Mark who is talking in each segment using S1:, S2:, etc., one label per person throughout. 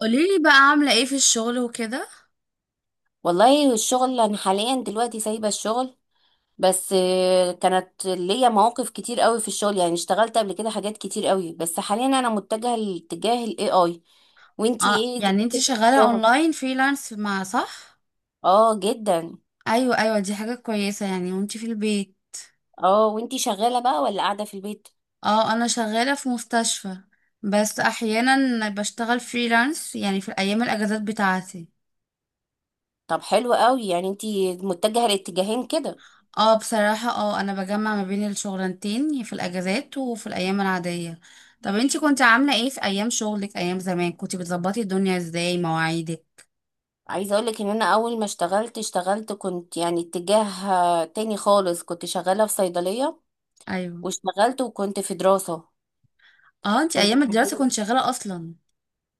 S1: قوليلي بقى عاملة ايه في الشغل وكده.
S2: والله الشغل انا حاليا دلوقتي سايبه الشغل، بس كانت ليا مواقف كتير قوي في الشغل. يعني اشتغلت قبل كده حاجات كتير قوي، بس حاليا انا متجهه لاتجاه الاي اي. وانتي
S1: اه
S2: ايه
S1: يعني انتي
S2: دنيتك في
S1: شغالة
S2: الشغل؟
S1: اونلاين فريلانس مع صح؟
S2: اه جدا.
S1: ايوه، دي حاجة كويسة يعني. وانتي في البيت؟
S2: اه وانتي شغاله بقى ولا قاعده في البيت؟
S1: اه، انا شغالة في مستشفى، بس احيانا بشتغل فريلانس يعني في الايام الاجازات بتاعتي.
S2: طب حلو قوي، يعني انتي متجهه لاتجاهين كده.
S1: اه بصراحة، اه انا بجمع ما بين الشغلانتين في الاجازات وفي الايام العادية. طب انتي كنت عاملة ايه في ايام شغلك؟ ايام زمان كنتي بتظبطي الدنيا ازاي مواعيدك؟
S2: عايزه اقولك ان انا اول ما اشتغلت كنت يعني اتجاه تاني خالص. كنت شغاله في صيدليه
S1: ايوه.
S2: واشتغلت وكنت في دراسه.
S1: اه انتي
S2: كنت
S1: ايام الدراسة
S2: حبيت
S1: كنت شغالة اصلا.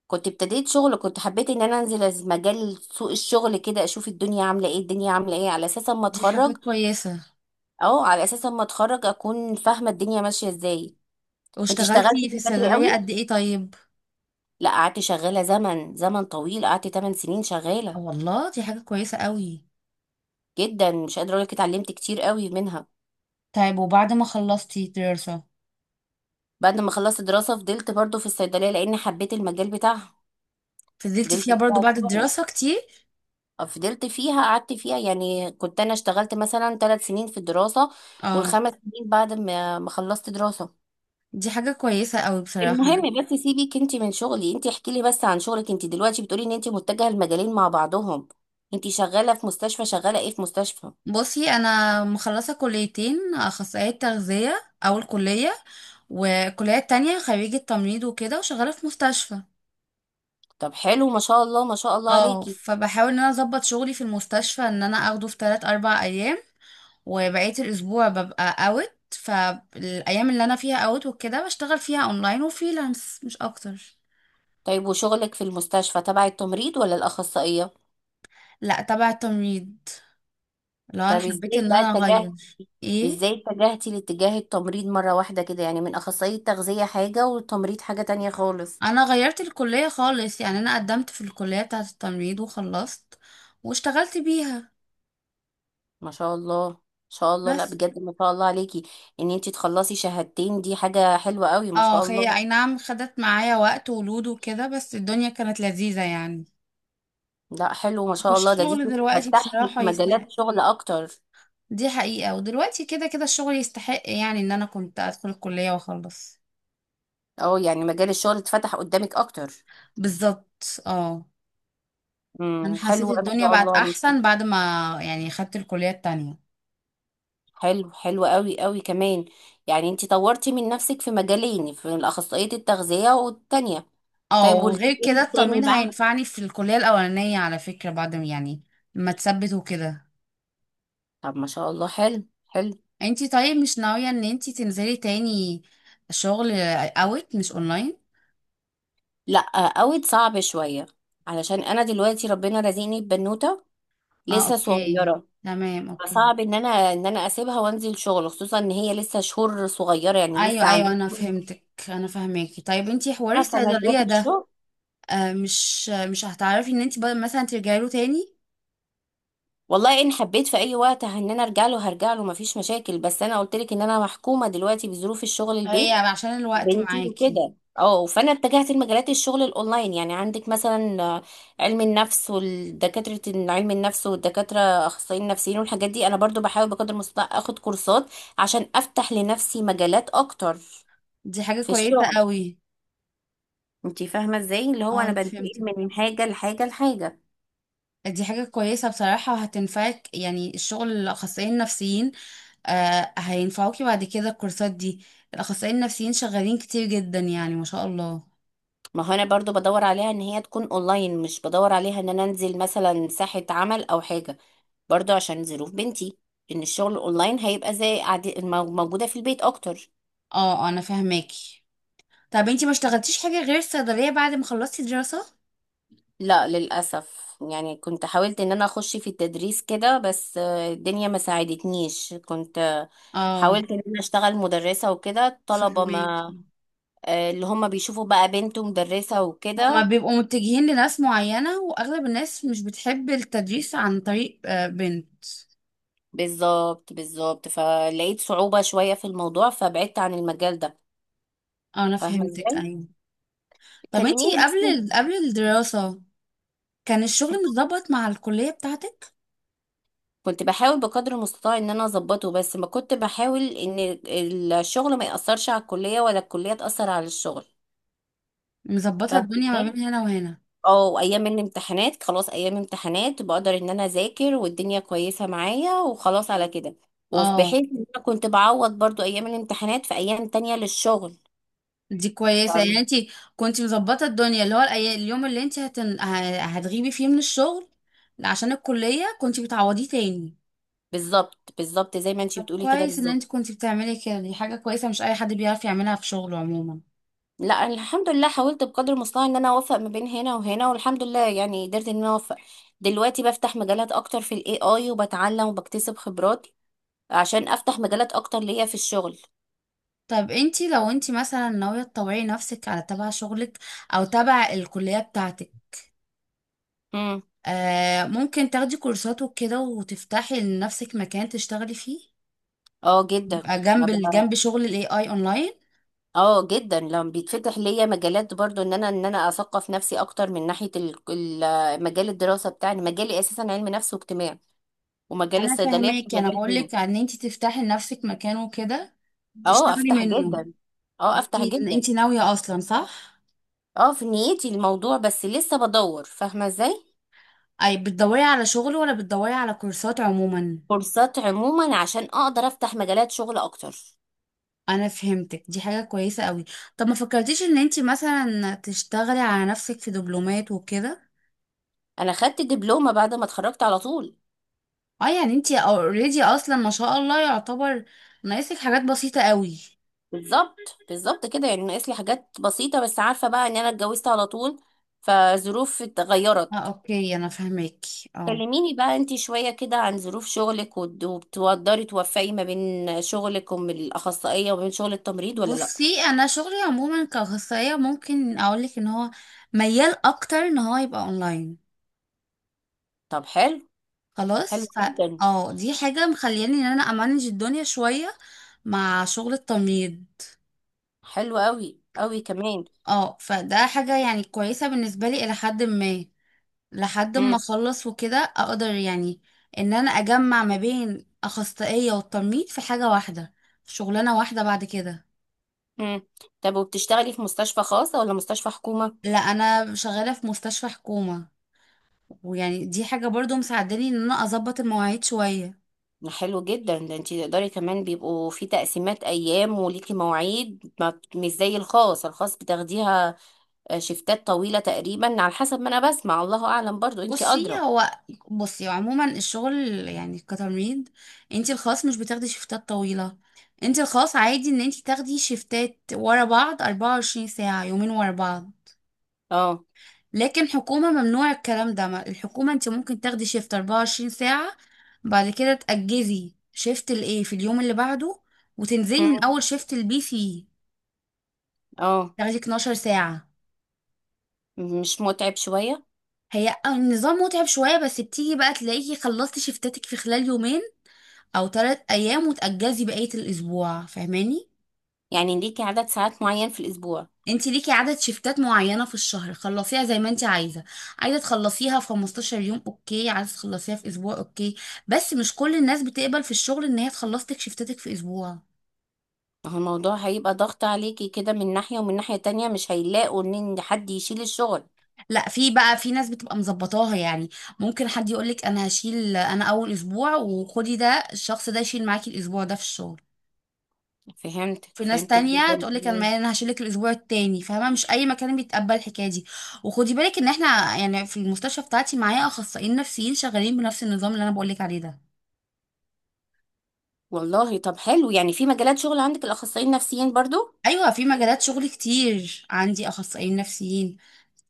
S2: كنت ابتديت شغل، كنت حبيت ان انا انزل مجال سوق الشغل كده، اشوف الدنيا عامله ايه. على اساس اما
S1: دي حاجة
S2: اتخرج،
S1: كويسة.
S2: اه على اساس اما اتخرج اكون فاهمه الدنيا ماشيه ازاي. كنت اشتغلت
S1: واشتغلتي في
S2: من بدري قوي،
S1: الصيدلية قد ايه طيب؟
S2: لا قعدت شغاله زمن طويل، قعدت 8 سنين
S1: آه
S2: شغاله.
S1: والله، دي حاجة كويسة قوي.
S2: جدا، مش قادره اقول لك اتعلمت كتير قوي منها.
S1: طيب وبعد ما خلصتي دراسة؟
S2: بعد ما خلصت دراسه فضلت برضو في الصيدليه، لان حبيت المجال بتاعها.
S1: فضلتي
S2: فضلت
S1: فيها برضو
S2: فيها
S1: بعد
S2: شوية.
S1: الدراسة كتير.
S2: فضلت فيها قعدت فيها، يعني كنت انا اشتغلت مثلا 3 سنين في الدراسة،
S1: اه،
S2: والـ5 سنين بعد ما خلصت دراسة.
S1: دي حاجة كويسة قوي بصراحة.
S2: المهم بس سيبك انت من شغلي، انت احكي لي بس عن شغلك انت دلوقتي. بتقولي ان انت متجهة المجالين مع بعضهم. انت شغالة في مستشفى، شغالة ايه في مستشفى؟
S1: بصي انا مخلصة كليتين، اخصائية تغذية اول كلية، والكلية التانية خريجة تمريض وكده وشغالة في مستشفى.
S2: طب حلو، ما شاء الله ما شاء الله
S1: اه
S2: عليكي.
S1: فبحاول ان انا اظبط شغلي في المستشفى ان انا اخده في 3 4 ايام، وبقية الأسبوع ببقى اوت. فالأيام اللي أنا فيها اوت وكده بشتغل فيها أونلاين وفريلانس مش أكتر.
S2: طيب وشغلك في المستشفى تبع التمريض ولا الأخصائية؟
S1: لا تبع التمريض. لو أنا
S2: طب
S1: حبيت
S2: ازاي
S1: إن
S2: بقى
S1: أنا
S2: اتجه؟
S1: أغير. إيه؟
S2: ازاي اتجهتي لاتجاه التمريض مرة واحدة كده؟ يعني من أخصائية تغذية حاجة، والتمريض حاجة تانية خالص.
S1: أنا غيرت الكلية خالص، يعني أنا قدمت في الكلية بتاعة التمريض وخلصت واشتغلت بيها.
S2: ما شاء الله، ما شاء الله، لا
S1: بس
S2: بجد ما شاء الله عليكي. ان انتي تخلصي شهادتين دي حاجة حلوة قوي، ما
S1: اه،
S2: شاء
S1: هي
S2: الله.
S1: أي نعم خدت معايا وقت ولود وكده، بس الدنيا كانت لذيذة يعني.
S2: لا حلو، ما شاء الله، ده دي
S1: والشغل دلوقتي
S2: تفتح لك
S1: بصراحة يستحق،
S2: مجالات شغل اكتر.
S1: دي حقيقة. ودلوقتي كده كده الشغل يستحق يعني ان انا كنت ادخل الكلية واخلص.
S2: اه، يعني مجال الشغل اتفتح قدامك اكتر.
S1: بالظبط، اه. انا
S2: حلو،
S1: حسيت
S2: ما
S1: الدنيا
S2: شاء
S1: بقت
S2: الله
S1: احسن
S2: عليكي.
S1: بعد ما، يعني خدت الكلية التانية.
S2: حلو حلو قوي قوي كمان. يعني انتي طورتي من نفسك في مجالين، في الاخصائية التغذية والتانية.
S1: اه
S2: طيب
S1: وغير
S2: والتاني
S1: كده التمريض
S2: بقى.
S1: هينفعني في الكلية الاولانية على فكرة بعد ما- يعني ما تثبت وكده.
S2: طب ما شاء الله، حلو حلو.
S1: انتي طيب مش ناوية ان انتي تنزلي تاني شغل اوت مش اونلاين؟
S2: لا، اوت صعب شوية، علشان انا دلوقتي ربنا رزقني ببنوتة
S1: اه
S2: لسه
S1: اوكي،
S2: صغيره.
S1: تمام اوكي.
S2: فصعب ان انا اسيبها وانزل شغل، خصوصا ان هي لسه شهور صغيره، يعني لسه
S1: ايوه ايوه،
S2: عندها.
S1: انا فهمتك، انا فاهماكي. طيب انتي حوار
S2: مثلا جات
S1: الصيدلية ده،
S2: الشغل.
S1: مش هتعرفي ان انت مثلا ترجعي له تاني؟
S2: والله ان حبيت في اي وقت ان انا ارجع له هرجع له، مفيش مشاكل. بس انا قلت لك ان انا محكومه دلوقتي بظروف الشغل
S1: هي
S2: البيت
S1: عشان الوقت
S2: بنتي
S1: معاكي.
S2: وكده. اه، فانا اتجهت لمجالات الشغل الاونلاين. يعني عندك مثلا علم النفس والدكاتره. اخصائيين نفسيين والحاجات دي، انا برضو بحاول بقدر المستطاع اخد كورسات عشان افتح لنفسي مجالات اكتر
S1: دي حاجة
S2: في
S1: كويسة
S2: الشغل.
S1: قوي.
S2: انتي فاهمة ازاي؟ اللي هو
S1: اه
S2: انا
S1: انا
S2: بنتقل
S1: فهمتك،
S2: من حاجة لحاجة لحاجة.
S1: دي حاجة كويسة بصراحة وهتنفعك، يعني الشغل الأخصائيين النفسيين. آه هينفعوكي بعد كده الكورسات دي. الأخصائيين النفسيين شغالين كتير جدا يعني ما شاء الله.
S2: ما هو انا برضو بدور عليها ان هي تكون اونلاين، مش بدور عليها ان انا انزل مثلا ساحة عمل او حاجة، برضو عشان ظروف بنتي. ان الشغل اونلاين هيبقى زي عادي، موجودة في البيت اكتر.
S1: اه، انا فاهماكي. طب انتي ما اشتغلتيش حاجة غير الصيدلية بعد ما خلصتي دراسة؟
S2: لا للأسف، يعني كنت حاولت ان انا اخش في التدريس كده، بس الدنيا ما ساعدتنيش. كنت
S1: اه
S2: حاولت ان انا اشتغل مدرسة وكده، الطلبة ما
S1: فهماكي.
S2: اللي هم بيشوفوا بقى بنت مدرسة
S1: هما
S2: وكده.
S1: بيبقوا متجهين لناس معينة، وأغلب الناس مش بتحب التدريس عن طريق بنت.
S2: بالظبط بالظبط، فلقيت صعوبة شوية في الموضوع، فبعدت عن المجال ده.
S1: آه، أنا
S2: فاهمة
S1: فهمتك،
S2: ازاي؟
S1: أيوة. طب انتي
S2: كلميني بس.
S1: قبل الدراسة كان الشغل متظبط مع الكلية بتاعتك؟
S2: كنت بحاول بقدر المستطاع ان انا اظبطه، بس ما كنت بحاول ان الشغل ما يأثرش على الكلية، ولا الكلية تأثر على الشغل.
S1: مظبطة
S2: فاهمة
S1: الدنيا ما
S2: ازاي؟
S1: بين هنا وهنا.
S2: اه، ايام الامتحانات خلاص، ايام امتحانات بقدر ان انا اذاكر والدنيا كويسة معايا وخلاص على كده.
S1: اه
S2: وبحيث ان انا كنت بعوض برضو ايام الامتحانات في ايام تانية للشغل.
S1: دي كويسة، يعني
S2: فاهمة؟
S1: انتي كنتي مظبطة الدنيا، اللي هو اليوم اللي انتي هتغيبي فيه من الشغل عشان الكلية كنتي بتعوضيه تاني.
S2: بالظبط بالظبط، زي ما انتي
S1: طب
S2: بتقولي كده
S1: كويس ان
S2: بالظبط.
S1: انتي كنتي بتعملي كده، دي حاجة كويسة مش أي حد بيعرف يعملها في شغله عموما.
S2: لا الحمد لله، حاولت بقدر المستطاع ان انا اوفق ما بين هنا وهنا، والحمد لله يعني قدرت ان انا اوفق. دلوقتي بفتح مجالات اكتر في الاي اي، وبتعلم وبكتسب خبرات عشان افتح مجالات اكتر ليا في الشغل.
S1: طب انتي لو انتي مثلا ناوية تطوعي نفسك على تبع شغلك او تبع الكلية بتاعتك،
S2: امم.
S1: آه ممكن تاخدي كورسات وكده وتفتحي لنفسك مكان تشتغلي فيه،
S2: اه جدا
S1: يبقى
S2: ما ب-
S1: جنب شغل الاي اي اونلاين.
S2: اه جدا، لما بيتفتح ليا مجالات برضو ان انا اثقف نفسي اكتر من ناحية مجال الدراسة بتاعي. مجالي اساسا علم نفس واجتماع، ومجال
S1: انا
S2: الصيدلية كان
S1: فاهماكي، انا
S2: مجال تاني.
S1: بقولك ان انتي تفتحي لنفسك مكان وكده
S2: اه
S1: تشتغلي
S2: افتح
S1: منه.
S2: جدا، اه افتح
S1: انتي
S2: جدا.
S1: انتي ناوية اصلا صح؟
S2: اه في نيتي الموضوع، بس لسه بدور، فاهمة ازاي؟
S1: اي بتدوري على شغل ولا بتدوري على كورسات عموما؟
S2: كورسات عموما عشان اقدر افتح مجالات شغل اكتر.
S1: انا فهمتك، دي حاجة كويسة قوي. طب ما فكرتيش ان انتي مثلا تشتغلي على نفسك في دبلومات وكده؟
S2: انا خدت دبلومة بعد ما اتخرجت على طول.
S1: اه يعني انتي اوريدي اصلا ما شاء الله، يعتبر ناقصك حاجات بسيطة قوي.
S2: بالظبط بالظبط كده، يعني ناقص لي حاجات بسيطة. بس عارفة بقى ان انا اتجوزت على طول، فظروف
S1: اه
S2: اتغيرت.
S1: اوكي، انا فهماكي اه.
S2: كلميني بقى انتي شوية كده عن ظروف شغلك، وبتقدري توفقي ما بين شغلك ومن الأخصائية وما بين شغل التمريض ولا لأ؟
S1: بصي انا شغلي عموما كأخصائية ممكن اقولك ان هو ميال اكتر ان هو يبقى اونلاين.
S2: طب حلو، حلو
S1: خلاص ف
S2: جدا.
S1: اه دي حاجة مخلياني ان انا امانج الدنيا شوية مع شغل التمريض.
S2: حلو قوي قوي كمان.
S1: اه فده حاجة يعني كويسة بالنسبة لي الى حد ما، لحد ما اخلص وكده اقدر يعني ان انا اجمع ما بين اخصائية والتمريض في حاجة واحدة، في شغلانة واحدة بعد كده.
S2: مم. طب وبتشتغلي في مستشفى خاصة ولا مستشفى حكومة؟
S1: لا انا شغالة في مستشفى حكومة، ويعني دي حاجة برضو مساعداني ان انا اظبط المواعيد شوية.
S2: حلو جدا، ده انتي تقدري كمان. بيبقوا في تقسيمات ايام وليكي مواعيد، ما بت- مش زي الخاص. الخاص بتاخديها شفتات طويلة تقريبا، على حسب ما انا بسمع، الله اعلم، برضو انتي
S1: بصي
S2: ادرى.
S1: هو بصي عموما الشغل يعني كتمريض، انتي الخاص مش بتاخدي شيفتات طويلة. انتي الخاص عادي ان انتي تاخدي شيفتات ورا بعض 24 ساعة، يومين ورا بعض.
S2: اه.
S1: لكن حكومة ممنوع الكلام ده. الحكومة انت ممكن تاخدي شيفت 24 ساعة، بعد كده تأجزي شيفت الايه في اليوم اللي بعده، وتنزلي من
S2: مم.
S1: اول شيفت البي سي
S2: اه،
S1: تاخدي 12 ساعة.
S2: مش متعب شوية؟
S1: هي النظام متعب شوية، بس بتيجي بقى تلاقيكي خلصتي شيفتاتك في خلال يومين او ثلاث ايام وتأجزي بقية الاسبوع، فاهماني؟
S2: يعني ليكي عدد ساعات معين في الاسبوع؟
S1: انت ليكي عدد شفتات معينة في الشهر، خلصيها زي ما انت عايزة. عايزة تخلصيها في 15 يوم اوكي، عايزة تخلصيها في اسبوع اوكي، بس مش كل الناس بتقبل في الشغل ان هي تخلص لك شفتاتك في اسبوع.
S2: ما هو الموضوع هيبقى ضغط عليكي كده من ناحية، ومن ناحية تانية مش هيلاقوا ان إن حد يشيل الشغل.
S1: لا في بقى في ناس بتبقى مظبطاها يعني، ممكن حد يقولك انا هشيل انا اول اسبوع وخدي ده، الشخص ده يشيل معاكي الاسبوع ده في الشغل.
S2: فهمتك
S1: في ناس
S2: فهمتك
S1: تانية
S2: جدا.
S1: تقولك انا هشيلك الاسبوع التاني، فاهمة؟ مش اي مكان بيتقبل الحكاية دي. وخدي بالك ان احنا يعني في المستشفى بتاعتي معايا اخصائيين نفسيين شغالين بنفس النظام اللي انا بقولك عليه ده.
S2: والله طب حلو، يعني في مجالات شغل عندك الأخصائيين النفسيين برضو.
S1: ايوه في مجالات شغل كتير عندي اخصائيين نفسيين.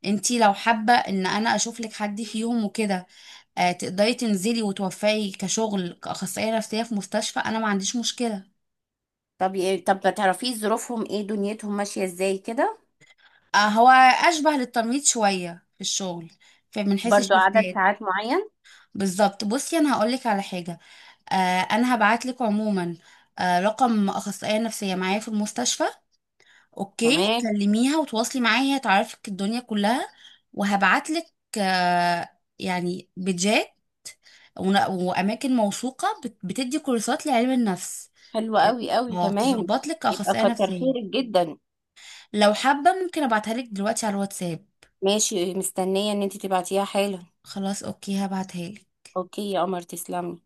S1: انتي لو حابه ان انا اشوف لك حد فيهم وكده، آه تقدري تنزلي وتوفقي كشغل كاخصائيه نفسيه في مستشفى، انا ما عنديش مشكله.
S2: طب طب ما تعرفيه ظروفهم ايه، دنيتهم ماشية ازاي كده؟
S1: آه هو اشبه للتمريض شويه في الشغل، فمن حيث
S2: برضو عدد
S1: الشفتات.
S2: ساعات معين.
S1: بالظبط، بصي انا هقول لك على حاجه. آه انا هبعت لك عموما آه رقم اخصائيه نفسيه معايا في المستشفى. اوكي
S2: تمام.
S1: كلميها وتواصلي معاها هي تعرفك الدنيا كلها. وهبعتلك آه، يعني بيجات واماكن موثوقه بتدي كورسات لعلم النفس.
S2: حلو قوي قوي،
S1: اه
S2: تمام.
S1: تظبط لك
S2: يبقى
S1: اخصائيه
S2: كتر
S1: نفسيه.
S2: خيرك جدا.
S1: لو حابه ممكن ابعتها لك دلوقتي على الواتساب.
S2: ماشي، مستنية ان انت تبعتيها حالا.
S1: خلاص اوكي هبعتها لك.
S2: اوكي يا قمر، تسلمي.